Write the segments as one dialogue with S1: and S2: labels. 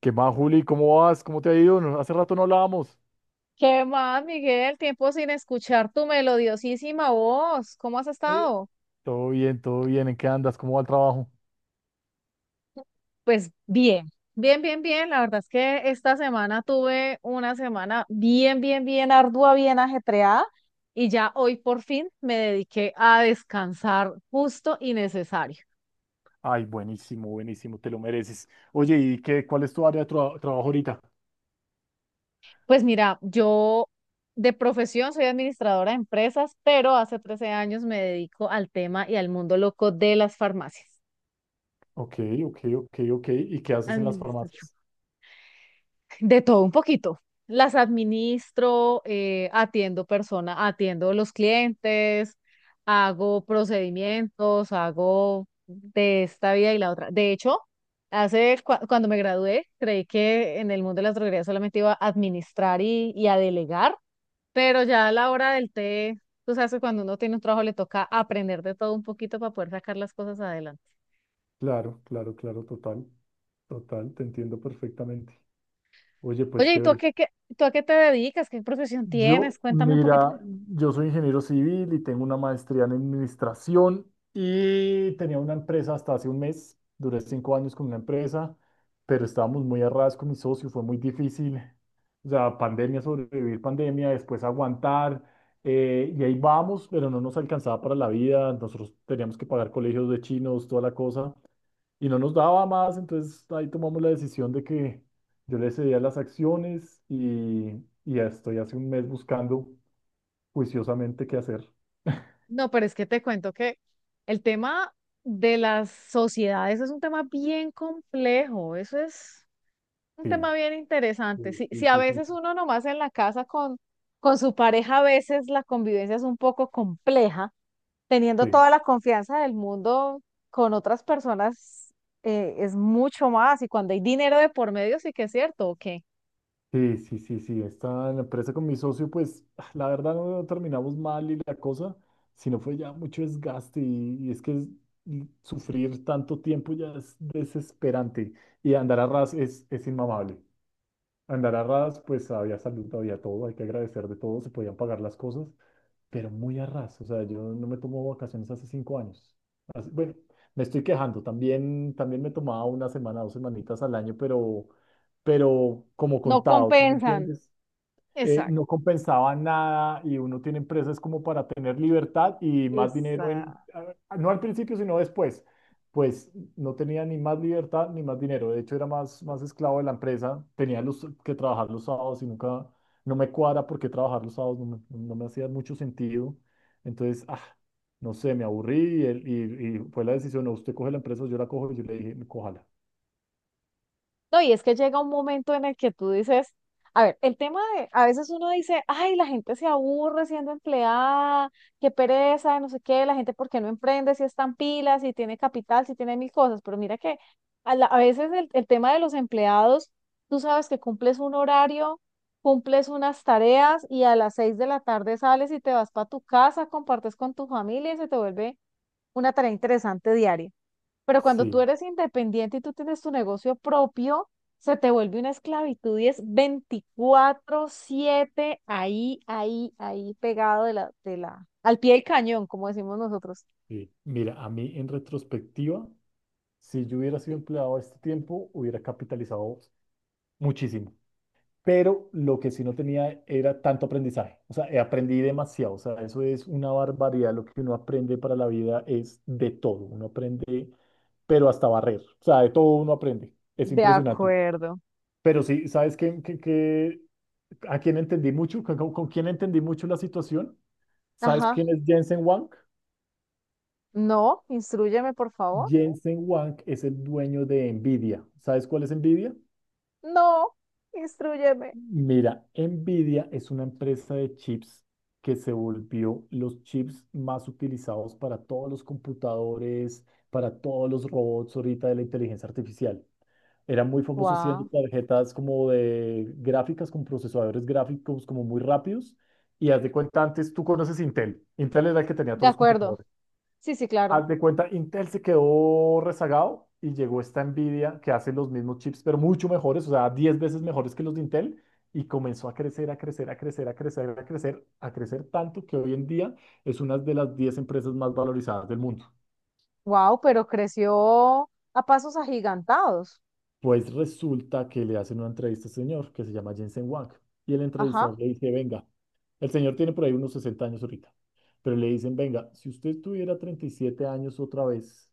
S1: ¿Qué más, Juli? ¿Cómo vas? ¿Cómo te ha ido? Hace rato no hablábamos.
S2: ¿Qué más, Miguel? Tiempo sin escuchar tu melodiosísima voz. ¿Cómo has
S1: Eh,
S2: estado?
S1: Todo bien, todo bien. ¿En qué andas? ¿Cómo va el trabajo?
S2: Pues bien. Bien, bien, bien. La verdad es que esta semana tuve una semana bien, bien, bien ardua, bien ajetreada y ya hoy por fin me dediqué a descansar justo y necesario.
S1: Ay, buenísimo, buenísimo, te lo mereces. Oye, ¿y qué, cuál es tu área de trabajo ahorita?
S2: Pues mira, yo de profesión soy administradora de empresas, pero hace 13 años me dedico al tema y al mundo loco de las farmacias.
S1: Ok, ok, ok, ok. ¿Y qué haces en las
S2: Administración.
S1: farmacias?
S2: De todo un poquito. Las administro, atiendo personas, atiendo los clientes, hago procedimientos, hago de esta vida y la otra. De hecho, cuando me gradué, creí que en el mundo de la droguería solamente iba a administrar y a delegar, pero ya a la hora del té, tú sabes que cuando uno tiene un trabajo le toca aprender de todo un poquito para poder sacar las cosas adelante.
S1: Claro, claro, claro, total. Total, te entiendo perfectamente. Oye, pues
S2: Oye, ¿y tú a
S1: chévere.
S2: qué, tú a qué te dedicas? ¿Qué profesión
S1: Yo,
S2: tienes? Cuéntame un poquito.
S1: mira, yo soy ingeniero civil y tengo una maestría en administración y tenía una empresa hasta hace un mes, duré cinco años con una empresa, pero estábamos muy a ras con mi socio, fue muy difícil, o sea, pandemia, sobrevivir pandemia, después aguantar, y ahí vamos, pero no nos alcanzaba para la vida, nosotros teníamos que pagar colegios de chinos, toda la cosa, y no nos daba más, entonces ahí tomamos la decisión de que yo le cedía las acciones y ya estoy hace un mes buscando juiciosamente qué hacer.
S2: No, pero es que te cuento que el tema de las sociedades es un tema bien complejo, eso es un
S1: Sí,
S2: tema bien interesante.
S1: sí,
S2: Si
S1: sí,
S2: a
S1: sí, sí,
S2: veces uno nomás en la casa con su pareja, a veces la convivencia es un poco compleja, teniendo
S1: sí,
S2: toda la confianza del mundo con otras personas, es mucho más, y cuando hay dinero de por medio sí que es cierto, que
S1: sí, sí, sí, sí, esta la empresa con mi socio, pues la verdad no terminamos mal y la cosa, sino fue ya mucho desgaste y y sufrir tanto tiempo ya es desesperante y andar a ras es inmamable. Andar a ras, pues había salud, había todo, hay que agradecer de todo, se podían pagar las cosas, pero muy a ras. O sea, yo no me tomo vacaciones hace 5 años. Bueno, me estoy quejando, también, también me tomaba una semana, dos semanitas al año, pero como
S2: no
S1: contado, ¿sí me
S2: compensan.
S1: entiendes?
S2: Exacto.
S1: No compensaba nada y uno tiene empresas como para tener libertad y más dinero no al principio, sino después. Pues no tenía ni más libertad ni más dinero. De hecho, era más esclavo de la empresa. Tenía que trabajar los sábados y nunca, no me cuadra porque trabajar los sábados no me hacía mucho sentido. Entonces, no sé, me aburrí y y fue la decisión, no, usted coge la empresa, yo la cojo y yo le dije, cójala.
S2: No, y es que llega un momento en el que tú dices, a ver, el tema de, a veces uno dice, ay, la gente se aburre siendo empleada, qué pereza, no sé qué, la gente por qué no emprende si es tan pila, si tiene capital, si tiene mil cosas, pero mira que a veces el tema de los empleados, tú sabes que cumples un horario, cumples unas tareas y a las 6 de la tarde sales y te vas para tu casa, compartes con tu familia y se te vuelve una tarea interesante diaria. Pero cuando tú
S1: Sí,
S2: eres independiente y tú tienes tu negocio propio, se te vuelve una esclavitud y es 24/7 ahí, ahí, ahí pegado al pie del cañón, como decimos nosotros.
S1: sí. Mira, a mí en retrospectiva, si yo hubiera sido empleado a este tiempo, hubiera capitalizado muchísimo. Pero lo que sí no tenía era tanto aprendizaje. O sea, aprendí demasiado. O sea, eso es una barbaridad. Lo que uno aprende para la vida es de todo. Uno aprende, pero hasta barrer. O sea, de todo uno aprende. Es
S2: De
S1: impresionante.
S2: acuerdo.
S1: Pero sí, ¿sabes a quién entendí mucho? Con quién entendí mucho la situación? ¿Sabes
S2: Ajá.
S1: quién es Jensen Huang?
S2: No, instrúyeme, por favor.
S1: Jensen Huang es el dueño de Nvidia. ¿Sabes cuál es Nvidia?
S2: No, instrúyeme.
S1: Mira, Nvidia es una empresa de chips que se volvió los chips más utilizados para todos los computadores, para todos los robots ahorita de la inteligencia artificial. Era muy famoso siendo
S2: Wow.
S1: tarjetas como de gráficas, con procesadores gráficos como muy rápidos. Y haz de cuenta, antes tú conoces Intel. Intel era el que tenía
S2: De
S1: todos los
S2: acuerdo.
S1: computadores.
S2: Sí, sí, claro.
S1: Haz de cuenta, Intel se quedó rezagado y llegó esta Nvidia que hace los mismos chips, pero mucho mejores, o sea, 10 veces mejores que los de Intel, y comenzó a crecer, a crecer, a crecer, a crecer, a crecer, a crecer tanto que hoy en día es una de las 10 empresas más valorizadas del mundo.
S2: Wow, pero creció a pasos agigantados.
S1: Pues resulta que le hacen una entrevista a este señor que se llama Jensen Huang, y el
S2: Ajá.
S1: entrevistador le dice, venga, el señor tiene por ahí unos 60 años ahorita, pero le dicen, venga, si usted tuviera 37 años otra vez,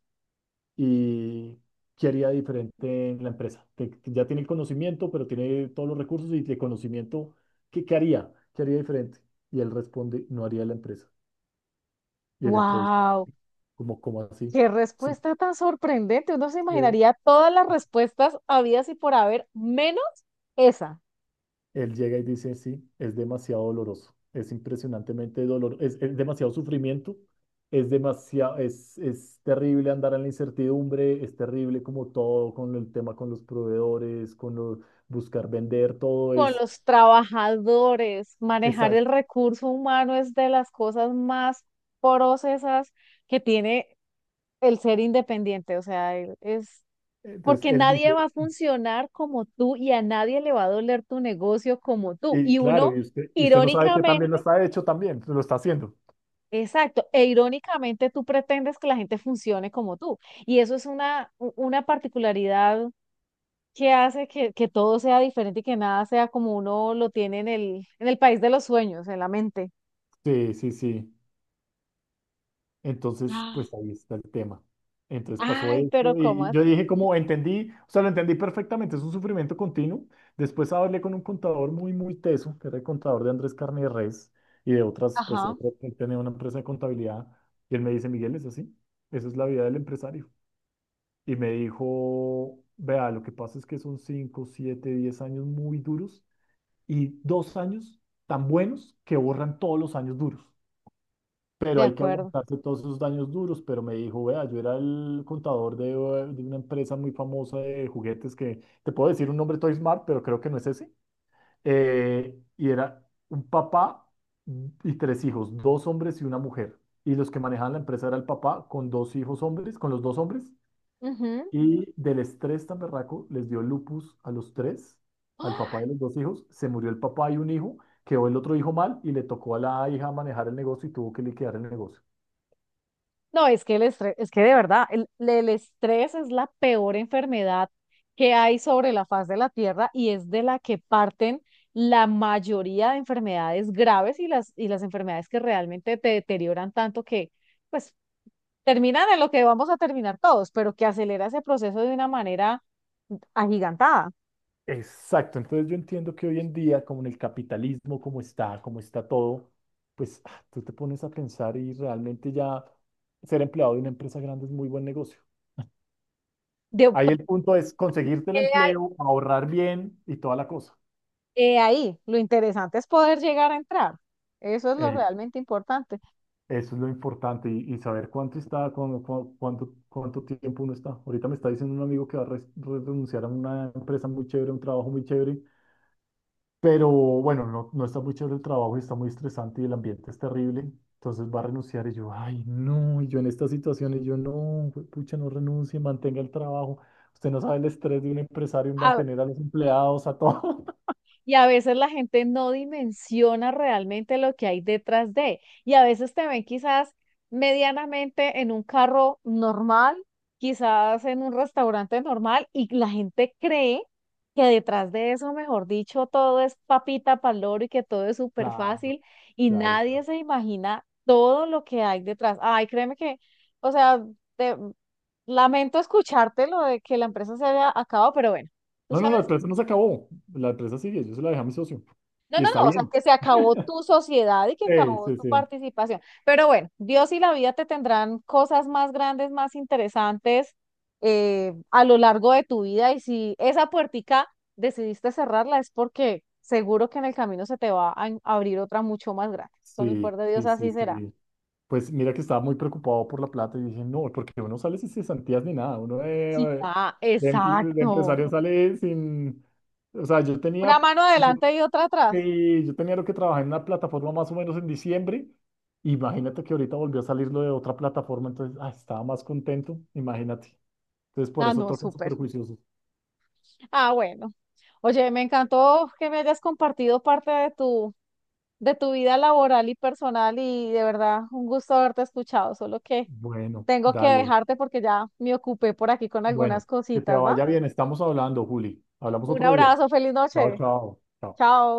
S1: y qué haría diferente en la empresa. Que ya tiene el conocimiento, pero tiene todos los recursos y de conocimiento, ¿qué, qué haría? ¿Qué haría diferente? Y él responde, no haría la empresa. Y el entrevistador
S2: Wow.
S1: como, ¿cómo así?
S2: Qué
S1: Sí,
S2: respuesta tan sorprendente. Uno se
S1: eh,
S2: imaginaría todas las respuestas habidas y por haber, menos esa.
S1: él llega y dice, sí, es demasiado doloroso, es impresionantemente doloroso, es demasiado sufrimiento. Es demasiado, es terrible andar en la incertidumbre, es terrible como todo con el tema con los proveedores, con los, buscar vender, todo
S2: Con
S1: es,
S2: los trabajadores, manejar el
S1: exacto,
S2: recurso humano es de las cosas más porosas que tiene el ser independiente. O sea, es
S1: entonces
S2: porque
S1: él
S2: nadie
S1: dice,
S2: va a funcionar como tú y a nadie le va a doler tu negocio como tú.
S1: y
S2: Y
S1: claro,
S2: uno,
S1: y usted no sabe que también lo
S2: irónicamente,
S1: está hecho también, lo está haciendo.
S2: exacto, e irónicamente tú pretendes que la gente funcione como tú. Y eso es una particularidad que hace que todo sea diferente y que nada sea como uno lo tiene en el país de los sueños, en la mente.
S1: Sí, sí, sí. Entonces, pues
S2: Ah,
S1: ahí está el tema. Entonces pasó
S2: ay, pero
S1: eso
S2: ¿cómo
S1: y
S2: es?
S1: yo dije como entendí, o sea, lo entendí perfectamente, es un sufrimiento continuo. Después hablé con un contador muy, muy teso, que era el contador de Andrés Carne de Res y de otras, pues
S2: Ajá,
S1: otras, él tenía una empresa de contabilidad y él me dice, Miguel, es así, esa es la vida del empresario. Y me dijo, vea, lo que pasa es que son 5, 7, 10 años muy duros y dos años tan buenos que borran todos los años duros. Pero
S2: de
S1: hay que
S2: acuerdo.
S1: aguantarse todos esos años duros. Pero me dijo, vea, yo era el contador de una empresa muy famosa de juguetes que te puedo decir un nombre Toy Smart, pero creo que no es ese. Y era un papá y tres hijos, dos hombres y una mujer. Y los que manejaban la empresa era el papá con dos hijos hombres, con los dos hombres, y del estrés tan berraco les dio lupus a los tres,
S2: Ujú.
S1: al papá de los dos hijos. Se murió el papá y un hijo, quedó el otro hijo mal y le tocó a la hija manejar el negocio y tuvo que liquidar el negocio.
S2: No, es que el estrés, es que de verdad, el estrés es la peor enfermedad que hay sobre la faz de la Tierra y es de la que parten la mayoría de enfermedades graves y las enfermedades que realmente te deterioran tanto que, pues, terminan en lo que vamos a terminar todos, pero que acelera ese proceso de una manera agigantada.
S1: Exacto, entonces yo entiendo que hoy en día, como en el capitalismo, como está todo, pues ah, tú te pones a pensar y realmente ya ser empleado de una empresa grande es muy buen negocio.
S2: De,
S1: Ahí el punto es conseguirte el
S2: he ahí,
S1: empleo, ahorrar bien y toda la cosa.
S2: he ahí, lo interesante es poder llegar a entrar. Eso es lo
S1: Eh,
S2: realmente importante.
S1: Eso es lo importante y saber cuánto está, cuándo- cu- cuánto, cuánto, tiempo uno está. Ahorita me está diciendo un amigo que va a renunciar a una empresa muy chévere, a un trabajo muy chévere, pero bueno, no, no está muy chévere el trabajo y está muy estresante y el ambiente es terrible. Entonces va a renunciar y yo, ay, no, y yo en estas situaciones, yo no, pucha, no renuncie, mantenga el trabajo. Usted no sabe el estrés de un empresario en
S2: A-
S1: mantener a los empleados, a todo.
S2: Y a veces la gente no dimensiona realmente lo que hay detrás de. Y a veces te ven quizás medianamente en un carro normal, quizás en un restaurante normal, y la gente cree que detrás de eso, mejor dicho, todo es papita paloro y que todo es súper
S1: Claro,
S2: fácil, y
S1: claro,
S2: nadie
S1: claro.
S2: se imagina todo lo que hay detrás. Ay, créeme que, o sea, te- lamento escucharte lo de que la empresa se haya acabado, pero bueno. Tú
S1: No, no, la
S2: sabes.
S1: empresa no se acabó. La empresa sigue, yo se la dejé a mi socio.
S2: No,
S1: Y
S2: no,
S1: está
S2: no, o sea,
S1: bien.
S2: que se acabó tu sociedad y que
S1: Sí,
S2: acabó
S1: sí,
S2: tu
S1: sí,
S2: participación. Pero bueno, Dios y la vida te tendrán cosas más grandes, más interesantes, a lo largo de tu vida. Y si esa puertica decidiste cerrarla es porque seguro que en el camino se te va a abrir otra mucho más grande. Con el
S1: sí,
S2: poder de Dios
S1: sí, sí,
S2: así será.
S1: sí. Pues mira que estaba muy preocupado por la plata y dije, no, porque uno sale sin cesantías ni nada, uno
S2: Sí. Ah,
S1: de
S2: exacto.
S1: empresario sale sin, o sea, yo tenía,
S2: Una mano
S1: lo
S2: adelante y otra atrás.
S1: yo tenía lo que trabajé en una plataforma más o menos en diciembre, imagínate que ahorita volvió a salirlo de otra plataforma, entonces, ah, estaba más contento, imagínate. Entonces, por
S2: Ah,
S1: eso
S2: no,
S1: tocan
S2: súper.
S1: súper juiciosos.
S2: Ah, bueno. Oye, me encantó que me hayas compartido parte de tu vida laboral y personal y de verdad un gusto haberte escuchado, solo que
S1: Bueno,
S2: tengo que
S1: dale,
S2: dejarte porque ya me ocupé por aquí con
S1: bueno,
S2: algunas
S1: que te
S2: cositas, ¿va?
S1: vaya bien, estamos hablando, Juli, hablamos
S2: Un
S1: otro día.
S2: abrazo, feliz
S1: Chao,
S2: noche.
S1: chao, chao.
S2: Chao.